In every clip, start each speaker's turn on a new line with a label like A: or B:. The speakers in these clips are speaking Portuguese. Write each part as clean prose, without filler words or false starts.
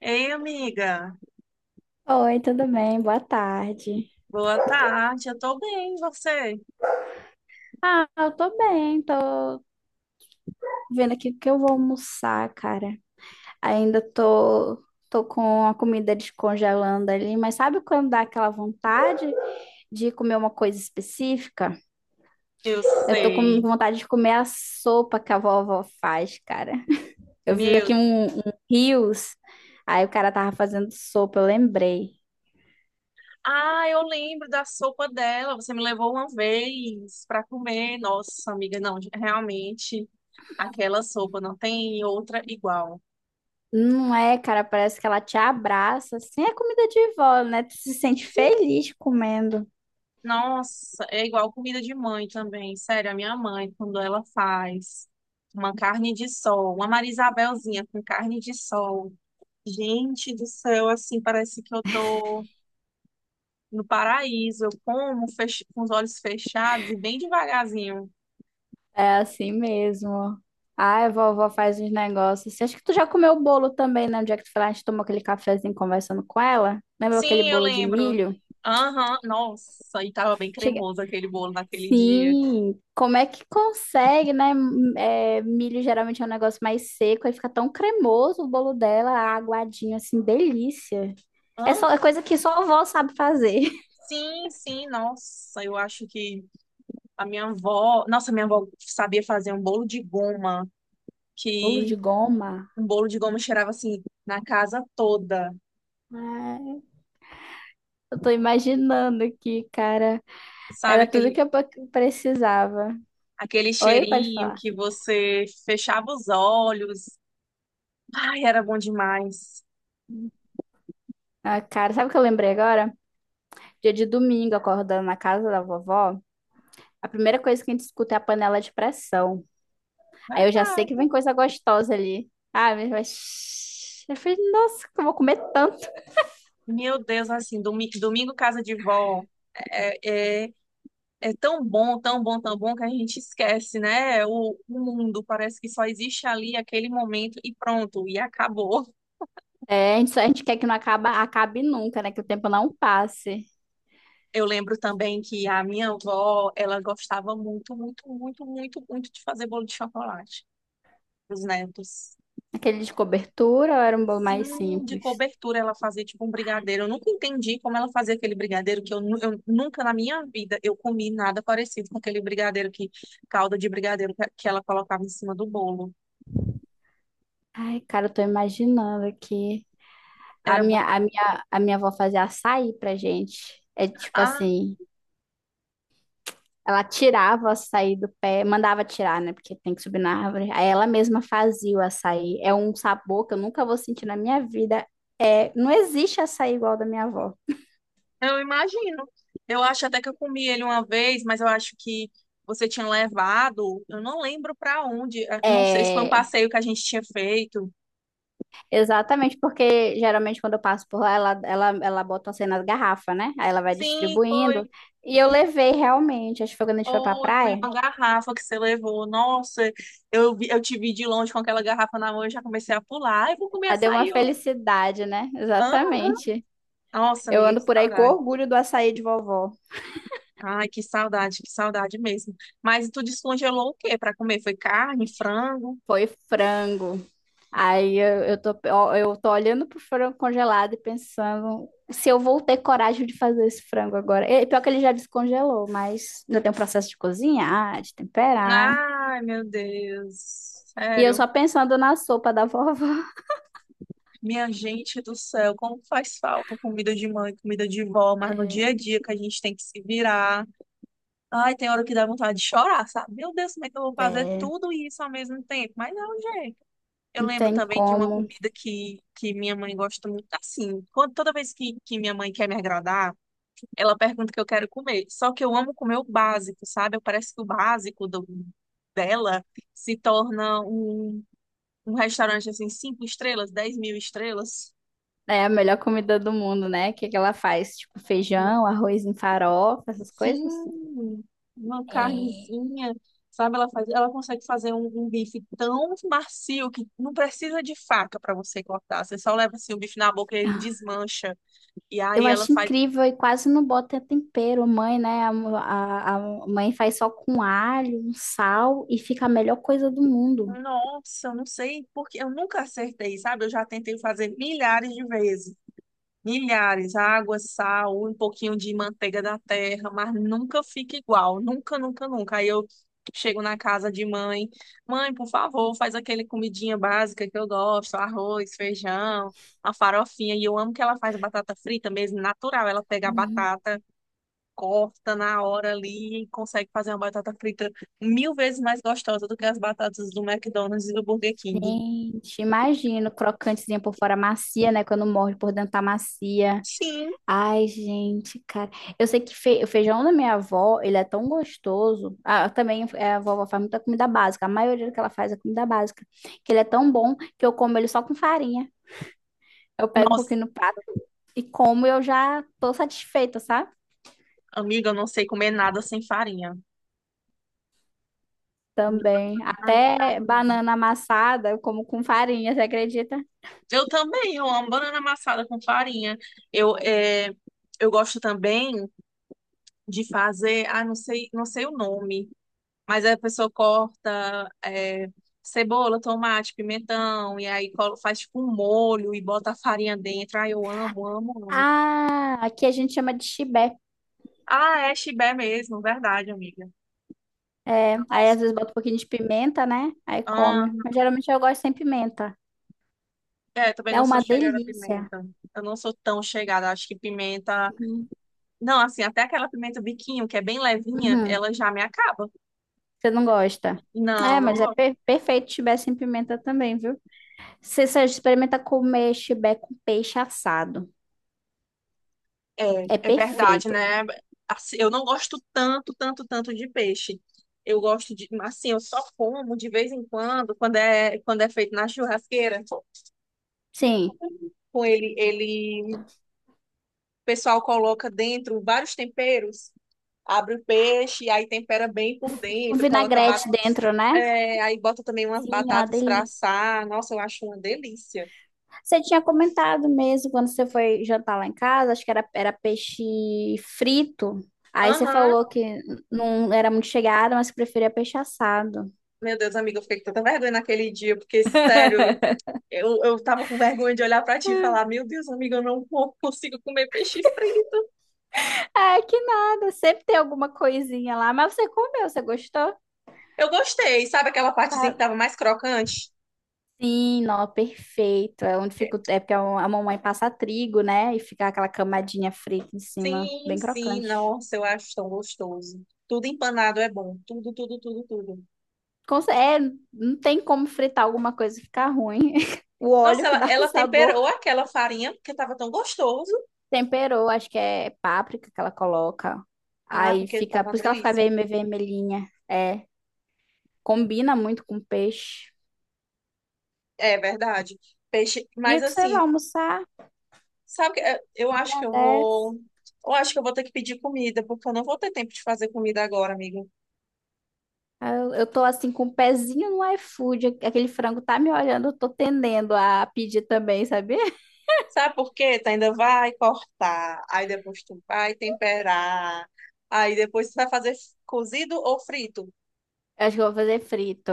A: Ei, amiga,
B: Oi, tudo bem? Boa tarde.
A: boa tarde. Eu tô bem, e você?
B: Ah, eu tô bem, tô vendo aqui o que eu vou almoçar, cara. Ainda tô, tô com a comida descongelando ali, mas sabe quando dá aquela vontade de comer uma coisa específica?
A: Eu
B: Eu tô com
A: sei.
B: vontade de comer a sopa que a vovó faz, cara. Eu vi
A: Meu,
B: aqui um Reels, aí o cara tava fazendo sopa, eu lembrei.
A: ah, eu lembro da sopa dela. Você me levou uma vez pra comer. Nossa, amiga, não, realmente aquela sopa não tem outra igual.
B: Não é, cara, parece que ela te abraça, assim, é comida de vó, né? Tu se sente
A: Sim.
B: feliz comendo.
A: Nossa, é igual comida de mãe também. Sério, a minha mãe, quando ela faz uma carne de sol, uma Marisabelzinha com carne de sol. Gente do céu, assim, parece que eu tô no paraíso. Eu como com os olhos fechados e bem devagarzinho.
B: É assim mesmo. Ai, vovó faz uns negócios assim. Acho que tu já comeu o bolo também, né? No dia que tu foi lá, a gente tomou aquele cafezinho conversando com ela. Lembra aquele
A: Sim, eu
B: bolo de
A: lembro.
B: milho?
A: Aham, nossa, e tava bem
B: Chega...
A: cremoso aquele bolo naquele dia.
B: Sim, como é que consegue, né? É, milho geralmente é um negócio mais seco, aí fica tão cremoso o bolo dela, aguadinho, assim, delícia. É só é
A: Aham,
B: coisa que só a vovó sabe fazer.
A: sim, sim, nossa, eu acho que a minha avó, nossa, minha avó sabia fazer um bolo de goma,
B: Bolo de
A: que
B: goma.
A: um bolo de goma cheirava assim na casa toda.
B: Ai, eu tô imaginando aqui, cara.
A: Sabe
B: Era tudo
A: aquele
B: que eu precisava.
A: aquele
B: Oi, pode
A: cheirinho
B: falar.
A: que você fechava os olhos. Ai, era bom demais.
B: Ah, cara, sabe o que eu lembrei agora? Dia de domingo, acordando na casa da vovó, a primeira coisa que a gente escuta é a panela de pressão. Aí eu já sei que vem
A: Verdade.
B: coisa gostosa ali. Ah, Eu falei, nossa, que eu vou comer tanto.
A: Meu Deus, assim, domingo casa de vó é, é, é tão bom, tão bom, tão bom que a gente esquece, né? O mundo parece que só existe ali aquele momento e pronto, e acabou.
B: É, a gente quer que não acabe nunca, né? Que o tempo não passe.
A: Eu lembro também que a minha avó, ela gostava muito, muito, muito, muito, muito de fazer bolo de chocolate para os netos.
B: Aquele de cobertura ou era um bolo
A: Sim,
B: mais
A: de
B: simples?
A: cobertura ela fazia tipo um brigadeiro. Eu nunca entendi como ela fazia aquele brigadeiro, que eu, eu nunca na minha vida eu comi nada parecido com aquele brigadeiro, que, calda de brigadeiro que ela colocava em cima do bolo.
B: Ai, cara, eu tô imaginando aqui.
A: Era bom.
B: A minha avó fazia açaí pra gente. É tipo
A: Ah,
B: assim... Ela tirava o açaí do pé, mandava tirar, né? Porque tem que subir na árvore. Aí ela mesma fazia o açaí. É um sabor que eu nunca vou sentir na minha vida. É, não existe açaí igual ao da minha avó.
A: eu imagino. Eu acho até que eu comi ele uma vez, mas eu acho que você tinha levado, eu não lembro para onde, não sei se foi um
B: É,
A: passeio que a gente tinha feito.
B: exatamente, porque geralmente quando eu passo por lá, ela bota assim nas garrafas, né? Aí ela vai
A: Sim,
B: distribuindo.
A: foi.
B: E eu levei realmente, acho que foi quando a gente foi pra
A: Ou foi
B: praia.
A: uma garrafa que você levou. Nossa, eu te vi de longe com aquela garrafa na mão e já comecei a pular. Ai, vou comer
B: Aí deu uma
A: açaí. Ó.
B: felicidade, né?
A: Hã?
B: Exatamente.
A: Nossa,
B: Eu
A: amiga, que
B: ando por aí com
A: saudade.
B: orgulho do açaí de vovó.
A: Ai, que saudade mesmo. Mas tu descongelou o quê para comer? Foi carne, frango?
B: Foi frango. Aí eu tô, ó, eu tô olhando pro frango congelado e pensando se eu vou ter coragem de fazer esse frango agora. E, pior que ele já descongelou, mas ainda tem um processo de cozinhar, de temperar.
A: Ai, meu Deus.
B: E eu
A: Sério,
B: só pensando na sopa da vovó.
A: minha gente do céu, como faz falta comida de mãe, comida de vó, mas no
B: É,
A: dia a dia que a gente tem que se virar. Ai, tem hora que dá vontade de chorar, sabe? Meu Deus, como é que eu vou fazer
B: é,
A: tudo isso ao mesmo tempo? Mas é um jeito. Eu
B: não
A: lembro
B: tem
A: também de uma
B: como.
A: comida que minha mãe gosta muito assim. Toda vez que minha mãe quer me agradar, ela pergunta o que eu quero comer. Só que eu amo comer o básico, sabe? Parece que o básico dela se torna um restaurante assim, cinco estrelas, dez mil estrelas.
B: É a melhor comida do mundo, né? O que que ela faz? Tipo, feijão, arroz em farofa, essas coisas?
A: Sim, uma carnezinha, sabe? Ela consegue fazer um bife tão macio que não precisa de faca para você cortar. Você só leva assim o bife na boca e ele
B: É.
A: desmancha. E
B: Eu
A: aí ela
B: acho
A: faz.
B: incrível e quase não bota tempero. Mãe, né? A mãe faz só com alho, um sal e fica a melhor coisa do mundo.
A: Nossa, eu não sei porque eu nunca acertei, sabe? Eu já tentei fazer milhares de vezes. Milhares, água, sal, um pouquinho de manteiga da terra, mas nunca fica igual, nunca, nunca, nunca. Aí eu chego na casa de mãe, mãe, por favor, faz aquele comidinha básica que eu gosto, arroz, feijão, a farofinha, e eu amo que ela faz batata frita mesmo, natural, ela pega a
B: Uhum.
A: batata, corta na hora ali e consegue fazer uma batata frita mil vezes mais gostosa do que as batatas do McDonald's e do Burger King.
B: Gente, imagina, crocantezinha por fora macia, né? Quando morde por dentro tá macia.
A: Sim,
B: Ai, gente, cara. Eu sei que o feijão da minha avó, ele é tão gostoso. Ah, também é, a vovó faz muita comida básica. A maioria do que ela faz é comida básica. Que ele é tão bom que eu como ele só com farinha. Eu pego um
A: nossa,
B: pouquinho no prato e como eu já tô satisfeita, sabe?
A: amiga, eu não sei comer nada sem farinha.
B: Também.
A: Não
B: Até
A: adorava, não.
B: banana amassada, eu como com farinha, você acredita?
A: Eu também, eu amo banana amassada com farinha. Eu, é, eu gosto também de fazer, ah, não sei, não sei o nome, mas a pessoa corta cebola, tomate, pimentão, e aí faz tipo um molho e bota a farinha dentro. Ah, eu amo, amo, amo.
B: Ah, aqui a gente chama de chibé.
A: Ah, é chibé mesmo, verdade, amiga.
B: É, aí às
A: Nossa,
B: vezes bota um pouquinho de pimenta, né? Aí
A: ah,
B: come. Mas geralmente eu gosto sem pimenta.
A: também
B: É
A: não sou
B: uma
A: chegada a
B: delícia.
A: pimenta. Eu não sou tão chegada, acho que pimenta.
B: Uhum.
A: Não, assim, até aquela pimenta biquinho, que é bem levinha,
B: Uhum.
A: ela já me acaba.
B: Você não gosta?
A: Não,
B: É,
A: não
B: mas é
A: gosto.
B: perfeito chibé sem pimenta também, viu? Se você só experimenta comer chibé com peixe assado.
A: É,
B: É
A: é verdade,
B: perfeito.
A: né? Assim, eu não gosto tanto, tanto, tanto de peixe. Eu gosto de, assim, eu só como de vez em quando, quando é, feito na churrasqueira,
B: Sim.
A: com o pessoal coloca dentro vários temperos, abre o peixe, aí tempera bem por
B: O
A: dentro,
B: vinagrete dentro, né?
A: aí bota também umas
B: Sim, é
A: batatas pra
B: delícia.
A: assar. Nossa, eu acho uma delícia.
B: Você tinha comentado mesmo quando você foi jantar lá em casa, acho que era peixe frito. Aí você
A: Aham.
B: falou que não era muito chegada, mas que preferia peixe assado.
A: Meu Deus, amiga, eu fiquei com tanta vergonha naquele dia, porque, sério, eu tava com vergonha de olhar pra ti e falar: Meu Deus, amiga, eu não consigo comer peixe frito.
B: Ah, que nada, sempre tem alguma coisinha lá, mas você comeu, você gostou?
A: Eu gostei, sabe aquela partezinha que
B: Tá.
A: tava mais crocante?
B: Sim, não, perfeito. É onde
A: É,
B: fica, é porque a mamãe passa trigo, né? E fica aquela camadinha frita em cima,
A: sim,
B: bem
A: sim,
B: crocante.
A: nossa, eu acho tão gostoso. Tudo empanado é bom, tudo, tudo, tudo, tudo.
B: É, não tem como fritar alguma coisa e ficar ruim. O
A: Nossa,
B: óleo que
A: ela,
B: dá o
A: ela
B: sabor.
A: temperou aquela farinha porque tava tão gostoso.
B: Temperou, acho que é páprica que ela coloca.
A: Ah,
B: Aí
A: porque
B: fica,
A: tava
B: por
A: uma
B: isso que ela fica
A: delícia.
B: vermelhinha. É, combina muito com peixe.
A: É verdade. Peixe,
B: E
A: mas
B: o que você vai
A: assim,
B: almoçar?
A: sabe, que, eu acho que eu vou.
B: Agradece.
A: Eu acho que eu vou ter que pedir comida, porque eu não vou ter tempo de fazer comida agora, amigo.
B: Aí eu tô assim com o pezinho no iFood. Aquele frango tá me olhando, eu tô tendendo a pedir também, sabia?
A: Sabe por quê? Tu ainda vai cortar, aí depois tu vai temperar, aí depois tu vai fazer cozido ou frito.
B: Eu acho que eu vou fazer frito.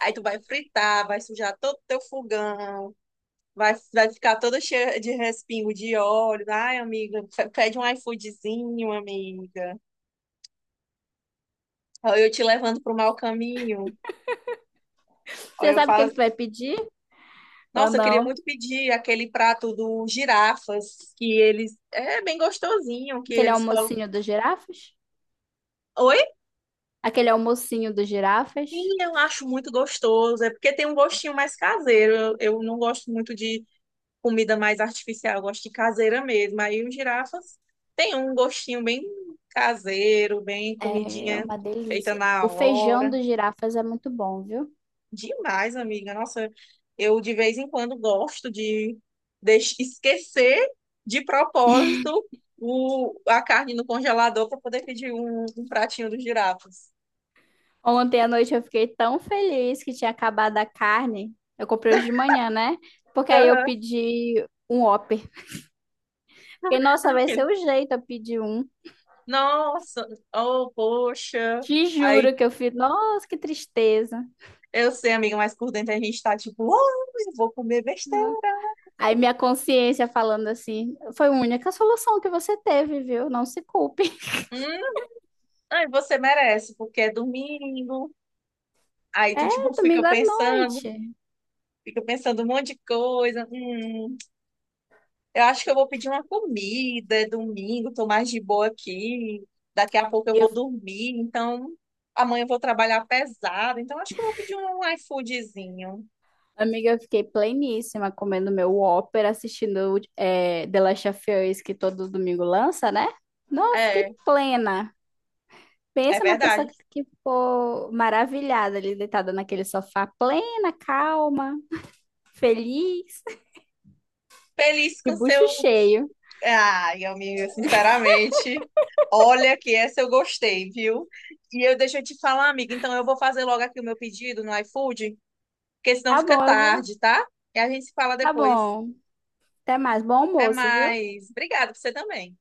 A: Aí tu vai fritar, vai sujar todo o teu fogão, vai ficar toda cheia de respingo de óleo. Ai, amiga, pede um iFoodzinho, amiga. Olha, eu te levando pro mau caminho. Olha,
B: Você
A: eu
B: sabe o que é que tu vai pedir ou
A: nossa, eu queria
B: não?
A: muito pedir aquele prato do girafas, que eles. É bem gostosinho, que
B: Aquele
A: eles colocam.
B: almocinho dos girafas?
A: Oi?
B: Aquele almocinho dos
A: Sim,
B: girafas
A: eu acho muito gostoso. É porque tem um gostinho mais caseiro. Eu não gosto muito de comida mais artificial, eu gosto de caseira mesmo. Aí os girafas tem um gostinho bem caseiro, bem
B: é
A: comidinha
B: uma
A: feita
B: delícia. O
A: na
B: feijão
A: hora.
B: dos girafas é muito bom, viu?
A: Demais, amiga. Nossa, eu de vez em quando gosto de esquecer de propósito a carne no congelador para poder pedir um pratinho dos girafas.
B: Ontem à noite eu fiquei tão feliz que tinha acabado a carne. Eu comprei hoje de manhã, né? Porque aí eu
A: Aham.
B: pedi um Whopper. Fiquei, nossa, vai ser
A: Aí,
B: o jeito eu pedir um.
A: nossa, oh, poxa.
B: Te
A: Aí
B: juro que eu fiz, nossa, que tristeza.
A: eu sei, amiga, mas por dentro a gente tá tipo, oh, eu vou comer besteira.
B: Aí minha consciência falando assim, foi a única solução que você teve, viu? Não se culpe.
A: Hum, aí você merece, porque é domingo. Aí tu tipo
B: É,
A: fica
B: domingo à
A: pensando,
B: noite.
A: fica pensando um monte de coisa. Hum. Eu acho que eu vou pedir uma comida, é domingo, tô mais de boa aqui. Daqui a pouco eu vou
B: Eu
A: dormir, então amanhã eu vou trabalhar pesado, então acho que eu vou pedir um iFoodzinho.
B: Amiga, eu fiquei pleníssima comendo meu Whopper, assistindo The Last of Us, que todo domingo lança, né? Não, eu fiquei
A: É,
B: plena.
A: é
B: Pensa na pessoa
A: verdade.
B: que ficou maravilhada ali, deitada naquele sofá, plena, calma, feliz,
A: Feliz
B: de
A: com
B: bucho
A: seu.
B: cheio.
A: Ai, amiga, sinceramente, olha que essa eu gostei, viu? E eu deixa eu te falar, amiga, então eu vou fazer logo aqui o meu pedido no iFood, porque senão
B: Tá
A: fica
B: bom, eu vou.
A: tarde, tá? E a gente se fala
B: Tá
A: depois.
B: bom. Até mais. Bom
A: Até
B: almoço, viu?
A: mais. Obrigada, pra você também.